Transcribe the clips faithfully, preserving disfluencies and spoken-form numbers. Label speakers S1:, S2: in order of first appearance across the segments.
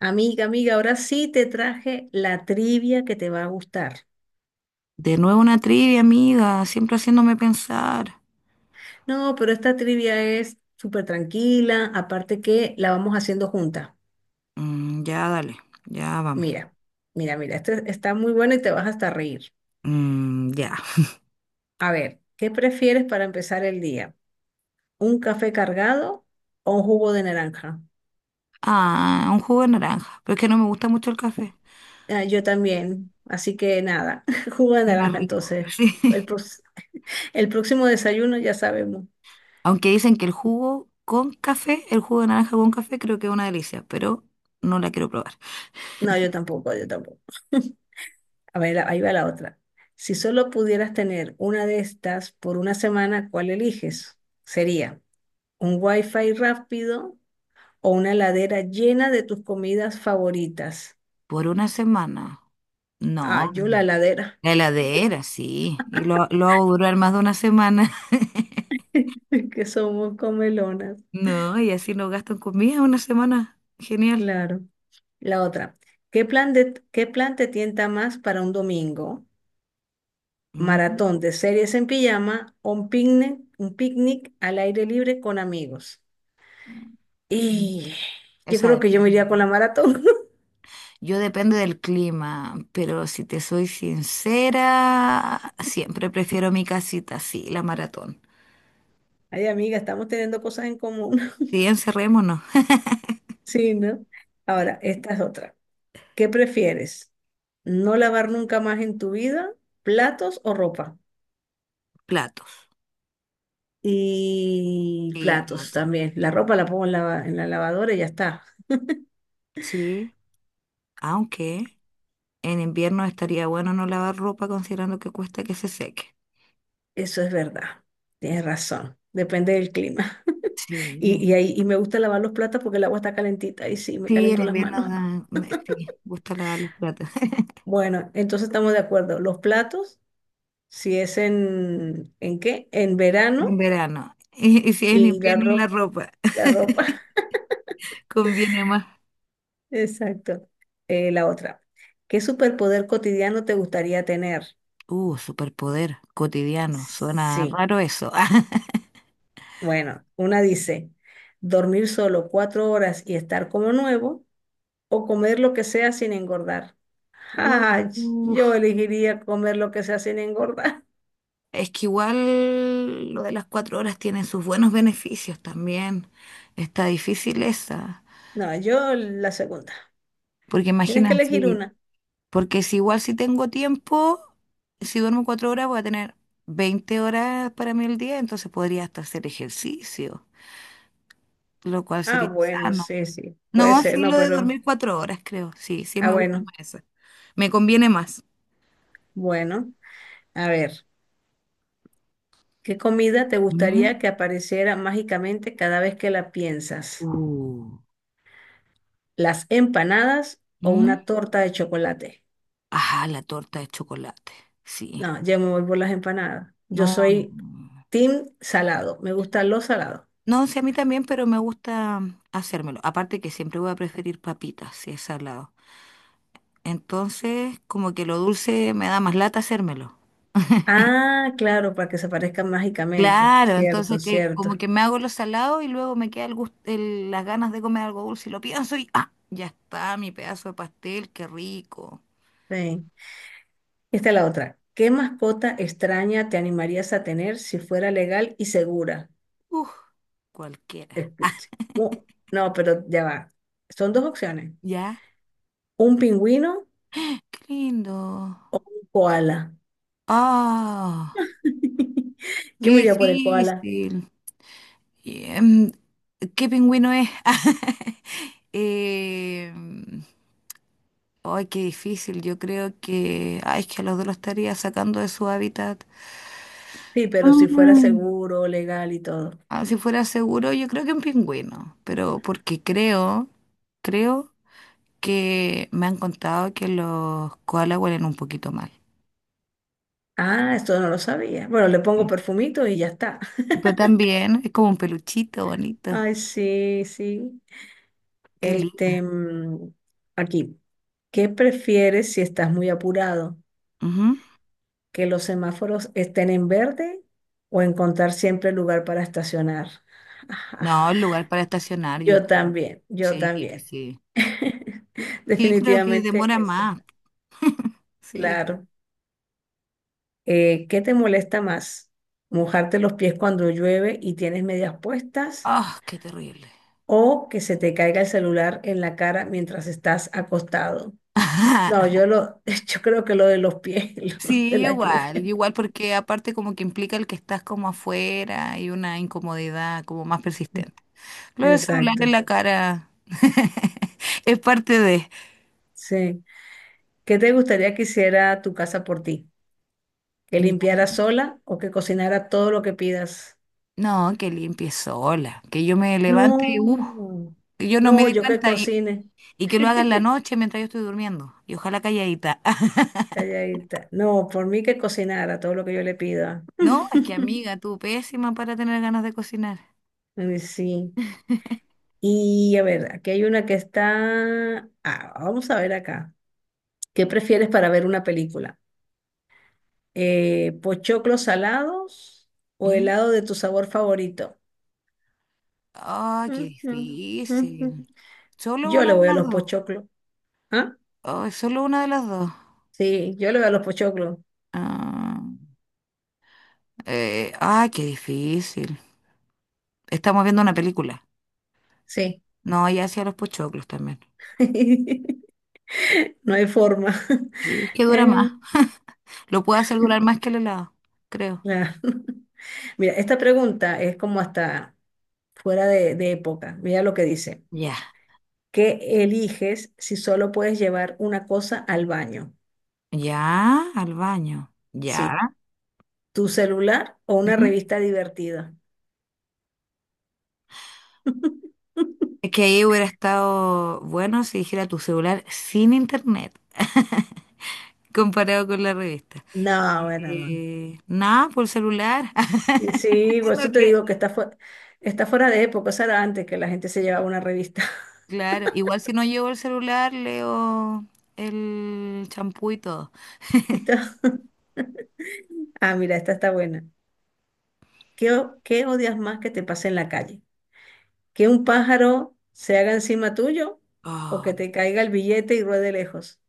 S1: Amiga, amiga, ahora sí te traje la trivia que te va a gustar.
S2: De nuevo una trivia, amiga, siempre haciéndome pensar.
S1: No, pero esta trivia es súper tranquila, aparte que la vamos haciendo junta.
S2: Mm, ya, dale, ya vamos.
S1: Mira, mira, mira, esta está muy buena y te vas hasta a reír.
S2: Mm, ya.
S1: A ver, ¿qué prefieres para empezar el día? ¿Un café cargado o un jugo de naranja?
S2: Ah, un jugo de naranja, pero es que no me gusta mucho el café.
S1: Ah, yo también, así que nada, jugo de
S2: Es más
S1: naranja
S2: rico,
S1: entonces.
S2: sí.
S1: El, prox- el próximo desayuno ya sabemos.
S2: Aunque dicen que el jugo con café, el jugo de naranja con café, creo que es una delicia, pero no la quiero probar.
S1: No, yo tampoco, yo tampoco. A ver, ahí va la otra. Si solo pudieras tener una de estas por una semana, ¿cuál eliges? Sería un wifi rápido o una heladera llena de tus comidas favoritas.
S2: Por una semana.
S1: Ah,
S2: No,
S1: yo la heladera,
S2: la heladera, sí. Y lo, lo hago durar más de una semana.
S1: que somos comelonas.
S2: No, y así no gasto en comida una semana. Genial.
S1: Claro. La otra. ¿Qué plan de, ¿qué plan te tienta más para un domingo?
S2: Mm.
S1: ¿Maratón de series en pijama o un picnic, un picnic al aire libre con amigos?
S2: mm, mm.
S1: Y
S2: O
S1: yo
S2: sea,
S1: creo que yo me
S2: depende,
S1: iría con la
S2: ¿eh?
S1: maratón.
S2: Yo depende del clima, pero si te soy sincera, siempre prefiero mi casita, sí, la maratón.
S1: Ay, amiga, estamos teniendo cosas en común.
S2: Si encerrémonos,
S1: Sí, ¿no? Ahora, esta es otra. ¿Qué prefieres? ¿No lavar nunca más en tu vida platos o ropa?
S2: platos
S1: Y
S2: y
S1: platos
S2: platos.
S1: también. La ropa la pongo en la, en la lavadora y ya está.
S2: Sí, aunque en invierno estaría bueno no lavar ropa considerando que cuesta que se seque.
S1: Eso es verdad. Tienes razón. Depende del clima. Y,
S2: Sí,
S1: y ahí y me gusta lavar los platos porque el agua está calentita y sí, me
S2: sí, en
S1: calentó las
S2: invierno
S1: manos.
S2: da- me- sí, gusta lavar los platos.
S1: Bueno, entonces estamos de acuerdo. Los platos, si es en, ¿en qué? En
S2: En
S1: verano
S2: verano. Y, y si es en
S1: y la
S2: invierno la
S1: ropa.
S2: ropa,
S1: La ropa,
S2: conviene más.
S1: exacto. Eh, la otra. ¿Qué superpoder cotidiano te gustaría tener?
S2: Uh, superpoder cotidiano. Suena
S1: Sí,
S2: raro eso.
S1: bueno, una dice, dormir solo cuatro horas y estar como nuevo o comer lo que sea sin engordar.
S2: u-
S1: Ay,
S2: uf.
S1: yo elegiría comer lo que sea sin engordar.
S2: Es que igual lo de las cuatro horas tiene sus buenos beneficios también. Está difícil esa.
S1: No, yo la segunda.
S2: Porque
S1: Tienes
S2: imagina,
S1: que elegir
S2: si-
S1: una.
S2: Porque si igual si tengo tiempo, si duermo cuatro horas voy a tener veinte horas para mí el día, entonces podría hasta hacer ejercicio, lo cual
S1: Ah,
S2: sería
S1: bueno,
S2: sano.
S1: sí, sí, puede
S2: No,
S1: ser,
S2: sí,
S1: no,
S2: lo de
S1: pero...
S2: dormir cuatro horas, creo. Sí, sí
S1: Ah,
S2: me gusta más
S1: bueno,
S2: esa. Me conviene más.
S1: bueno. A ver. ¿Qué comida te
S2: Mm.
S1: gustaría que apareciera mágicamente cada vez que la piensas?
S2: Uh.
S1: ¿Las empanadas o
S2: Mm.
S1: una torta de chocolate?
S2: Ajá, la torta de chocolate. Sí.
S1: No, yo me voy por las empanadas. Yo
S2: No, no.
S1: soy
S2: No,
S1: team salado. Me gustan los salados.
S2: no, sí, a mí también, pero me gusta mm, hacérmelo. Aparte que siempre voy a preferir papitas si es salado. Entonces, como que lo dulce me da más lata hacérmelo.
S1: Ah, claro, para que se aparezcan mágicamente.
S2: Claro,
S1: Cierto,
S2: entonces que
S1: cierto.
S2: como que me hago lo salado y luego me queda el gust- el- las ganas de comer algo dulce y lo pienso y ¡ah! Ya está, mi pedazo de pastel, qué rico.
S1: Sí. Esta es la otra. ¿Qué mascota extraña te animarías a tener si fuera legal y segura?
S2: Uf, cualquiera.
S1: Es que- Uh, no, pero ya va. Son dos opciones.
S2: ¿Ya?
S1: ¿Un pingüino
S2: Qué lindo.
S1: o un koala?
S2: ¡Ah!
S1: Yo me
S2: ¡Qué
S1: iría por el koala.
S2: difícil! Y, em, ¿qué pingüino es? Eh, ay, qué difícil. Yo creo que, ay, es que a los dos los estaría sacando de su hábitat.
S1: Sí, pero si fuera
S2: Mm.
S1: seguro, legal y todo.
S2: Ah, si fuera seguro, yo creo que un pingüino, pero porque creo, creo que me han contado que los koalas huelen un poquito mal.
S1: Ah, esto no lo sabía. Bueno, le pongo
S2: Sí.
S1: perfumito y ya está.
S2: Pero también es como un peluchito bonito.
S1: Ay, sí, sí.
S2: Qué lindo.
S1: Este, mm, aquí. ¿Qué prefieres si estás muy apurado?
S2: Ujú.
S1: ¿Que los semáforos estén en verde o encontrar siempre lugar para estacionar?
S2: No, el lugar para estacionar, yo
S1: Yo
S2: creo.
S1: también, yo
S2: Sí,
S1: también.
S2: sí. Sí, creo que demora
S1: Definitivamente eso.
S2: más. Sí.
S1: Claro. Eh, ¿qué te molesta más? ¿Mojarte los pies cuando llueve y tienes medias puestas?
S2: Ah, qué terrible.
S1: ¿O que se te caiga el celular en la cara mientras estás acostado? No, yo lo, yo creo que lo de los pies, lo de
S2: Sí,
S1: la
S2: igual,
S1: lluvia.
S2: igual porque aparte como que implica el que estás como afuera y una incomodidad como más persistente. Lo del celular en
S1: Exacto.
S2: la cara es parte de...
S1: Sí. ¿Qué te gustaría que hiciera tu casa por ti? ¿Que limpiara sola o que cocinara todo lo que pidas?
S2: No, que limpie sola, que yo me levante y
S1: No,
S2: uh, yo no me
S1: no,
S2: di
S1: yo que
S2: cuenta y,
S1: cocine,
S2: y que lo haga en la noche mientras yo estoy durmiendo y ojalá calladita.
S1: calladita. No, por mí que cocinara todo lo que yo le pida.
S2: No, es que amiga, tú pésima para tener ganas de cocinar.
S1: Eh, Sí. Y a ver, aquí hay una que está... Ah, vamos a ver acá. ¿Qué prefieres para ver una película? Eh, ¿pochoclos salados o
S2: Mm.
S1: helado de tu sabor favorito?
S2: Ay, qué
S1: Ujú, ujú.
S2: difícil. Solo
S1: Yo le
S2: una de
S1: voy a
S2: las
S1: los
S2: dos.
S1: pochoclos. ¿Ah?
S2: Ay, solo una de las dos.
S1: Sí, yo le voy a los pochoclos.
S2: Ah, eh, ay, qué difícil. Estamos viendo una película.
S1: Sí.
S2: No, ya hacía los pochoclos también.
S1: No hay forma.
S2: Sí, es que dura
S1: Eh,
S2: más. Lo puedo hacer durar más que el helado, creo.
S1: claro. Mira, esta pregunta es como hasta fuera de, de época. Mira lo que dice.
S2: Ya.
S1: Que eliges si solo puedes llevar una cosa al baño.
S2: Ya, al baño. Ya.
S1: Sí, tu celular o una
S2: Ujú.
S1: revista divertida.
S2: Es que ahí hubiera estado bueno si dijera tu celular sin internet, comparado con la revista.
S1: No, bueno, no.
S2: Eh, nada, por celular.
S1: Y sí, por
S2: No,
S1: eso te
S2: que-
S1: digo que está, fue- está fuera de época, eso era antes que la gente se llevaba una revista.
S2: Claro, igual si no llevo el celular, leo el champú y todo.
S1: Esta- Ah, mira, esta está buena. ¿Qué, o- ¿qué odias más que te pase en la calle? ¿Que un pájaro se haga encima tuyo o que
S2: Ay,
S1: te caiga el billete y ruede lejos?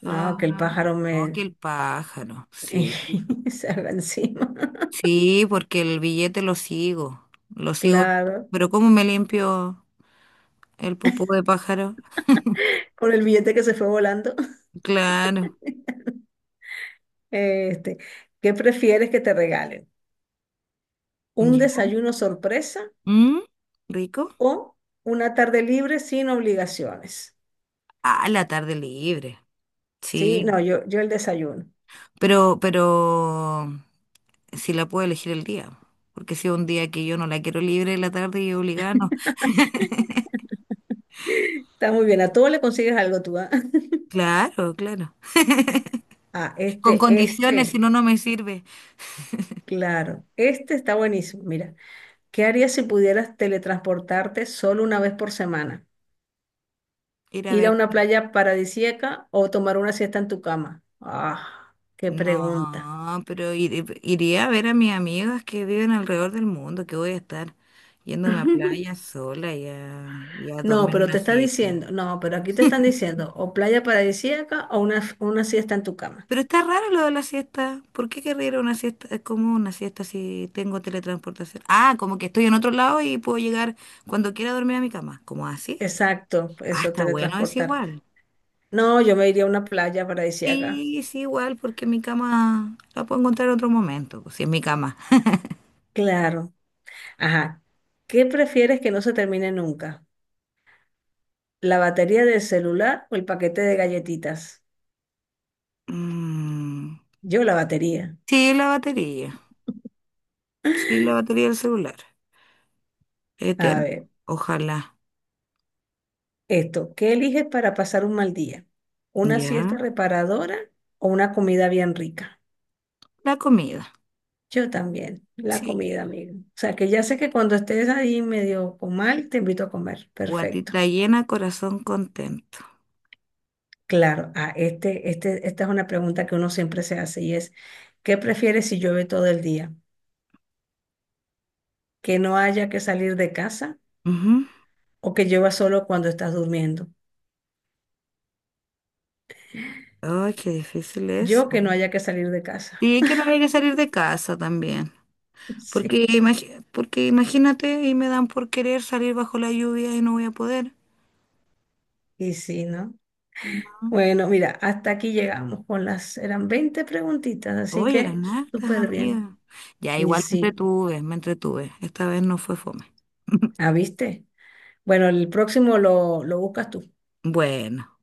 S1: No, que el
S2: ah,
S1: pájaro
S2: no, que
S1: me
S2: el pájaro, sí.
S1: se haga encima.
S2: Sí, porque el billete lo sigo, lo sigo.
S1: Claro,
S2: Pero ¿cómo me limpio el popó de pájaro?
S1: con el billete que se fue volando.
S2: Claro,
S1: Este, ¿qué prefieres que te regalen? ¿Un
S2: ya.
S1: desayuno sorpresa
S2: ¿Mm? ¿Rico?
S1: o una tarde libre sin obligaciones?
S2: Ah, la tarde libre,
S1: Sí,
S2: sí.
S1: no, yo, yo el desayuno.
S2: Pero, pero, si la puedo elegir el día, porque si es un día que yo no la quiero libre, la tarde y obligada, no.
S1: Está muy bien, a todo le consigues algo tú, ¿ah?
S2: Claro, claro.
S1: Ah,
S2: Con
S1: este,
S2: condiciones,
S1: este,
S2: si no, no me sirve
S1: claro, este está buenísimo. Mira, ¿qué harías si pudieras teletransportarte solo una vez por semana?
S2: ir a
S1: ¿Ir a
S2: ver.
S1: una playa paradisíaca o tomar una siesta en tu cama? Ah, qué pregunta.
S2: No, pero ir- iría a ver a mis amigas que viven alrededor del mundo, que voy a estar yéndome a playa sola y a, y a
S1: No,
S2: dormir
S1: pero
S2: una
S1: te está
S2: siesta.
S1: diciendo, no, pero aquí te están diciendo o playa paradisíaca o una, una siesta en tu cama.
S2: Pero está raro lo de la siesta. ¿Por qué querría ir a una siesta? Es como una siesta si tengo teletransportación. Ah, como que estoy en otro lado y puedo llegar cuando quiera a dormir a mi cama. ¿Como así?
S1: Exacto,
S2: Ah,
S1: eso,
S2: está bueno, es
S1: teletransportarte.
S2: igual.
S1: No, yo me iría a una playa paradisíaca.
S2: Sí, es igual porque mi cama la puedo encontrar en otro momento, pues, si es mi cama.
S1: Claro. Ajá. ¿Qué prefieres que no se termine nunca? ¿La batería del celular o el paquete de galletitas?
S2: Mm,
S1: Yo la batería.
S2: sí, la batería. Sí, la batería del celular.
S1: A
S2: Eterno.
S1: ver,
S2: Ojalá.
S1: esto, ¿qué eliges para pasar un mal día? ¿Una
S2: Ya.
S1: siesta reparadora o una comida bien rica?
S2: La comida.
S1: Yo también, la comida,
S2: Sí.
S1: amigo. O sea, que ya sé que cuando estés ahí medio con mal, te invito a comer. Perfecto.
S2: Guatita llena, corazón contento.
S1: Claro, ah, este, este, esta es una pregunta que uno siempre se hace y es, ¿qué prefieres si llueve todo el día? ¿Que no haya que salir de casa
S2: Ujú.
S1: o que llueva solo cuando estás durmiendo?
S2: Ay, qué difícil es.
S1: Yo que no haya que salir de casa.
S2: Y que no hay que salir de casa también.
S1: Sí,
S2: Porque, imagi- porque imagínate, y me dan por querer salir bajo la lluvia y no voy a poder.
S1: y sí, ¿no? Bueno, mira, hasta aquí llegamos con las, eran veinte preguntitas, así
S2: Oye,
S1: que
S2: eran hartas,
S1: súper bien.
S2: amiga. Ya,
S1: Y
S2: igual me
S1: sí,
S2: entretuve, me entretuve. Esta vez no fue fome.
S1: ¿ah, viste? Bueno, el próximo lo, lo buscas tú.
S2: Bueno.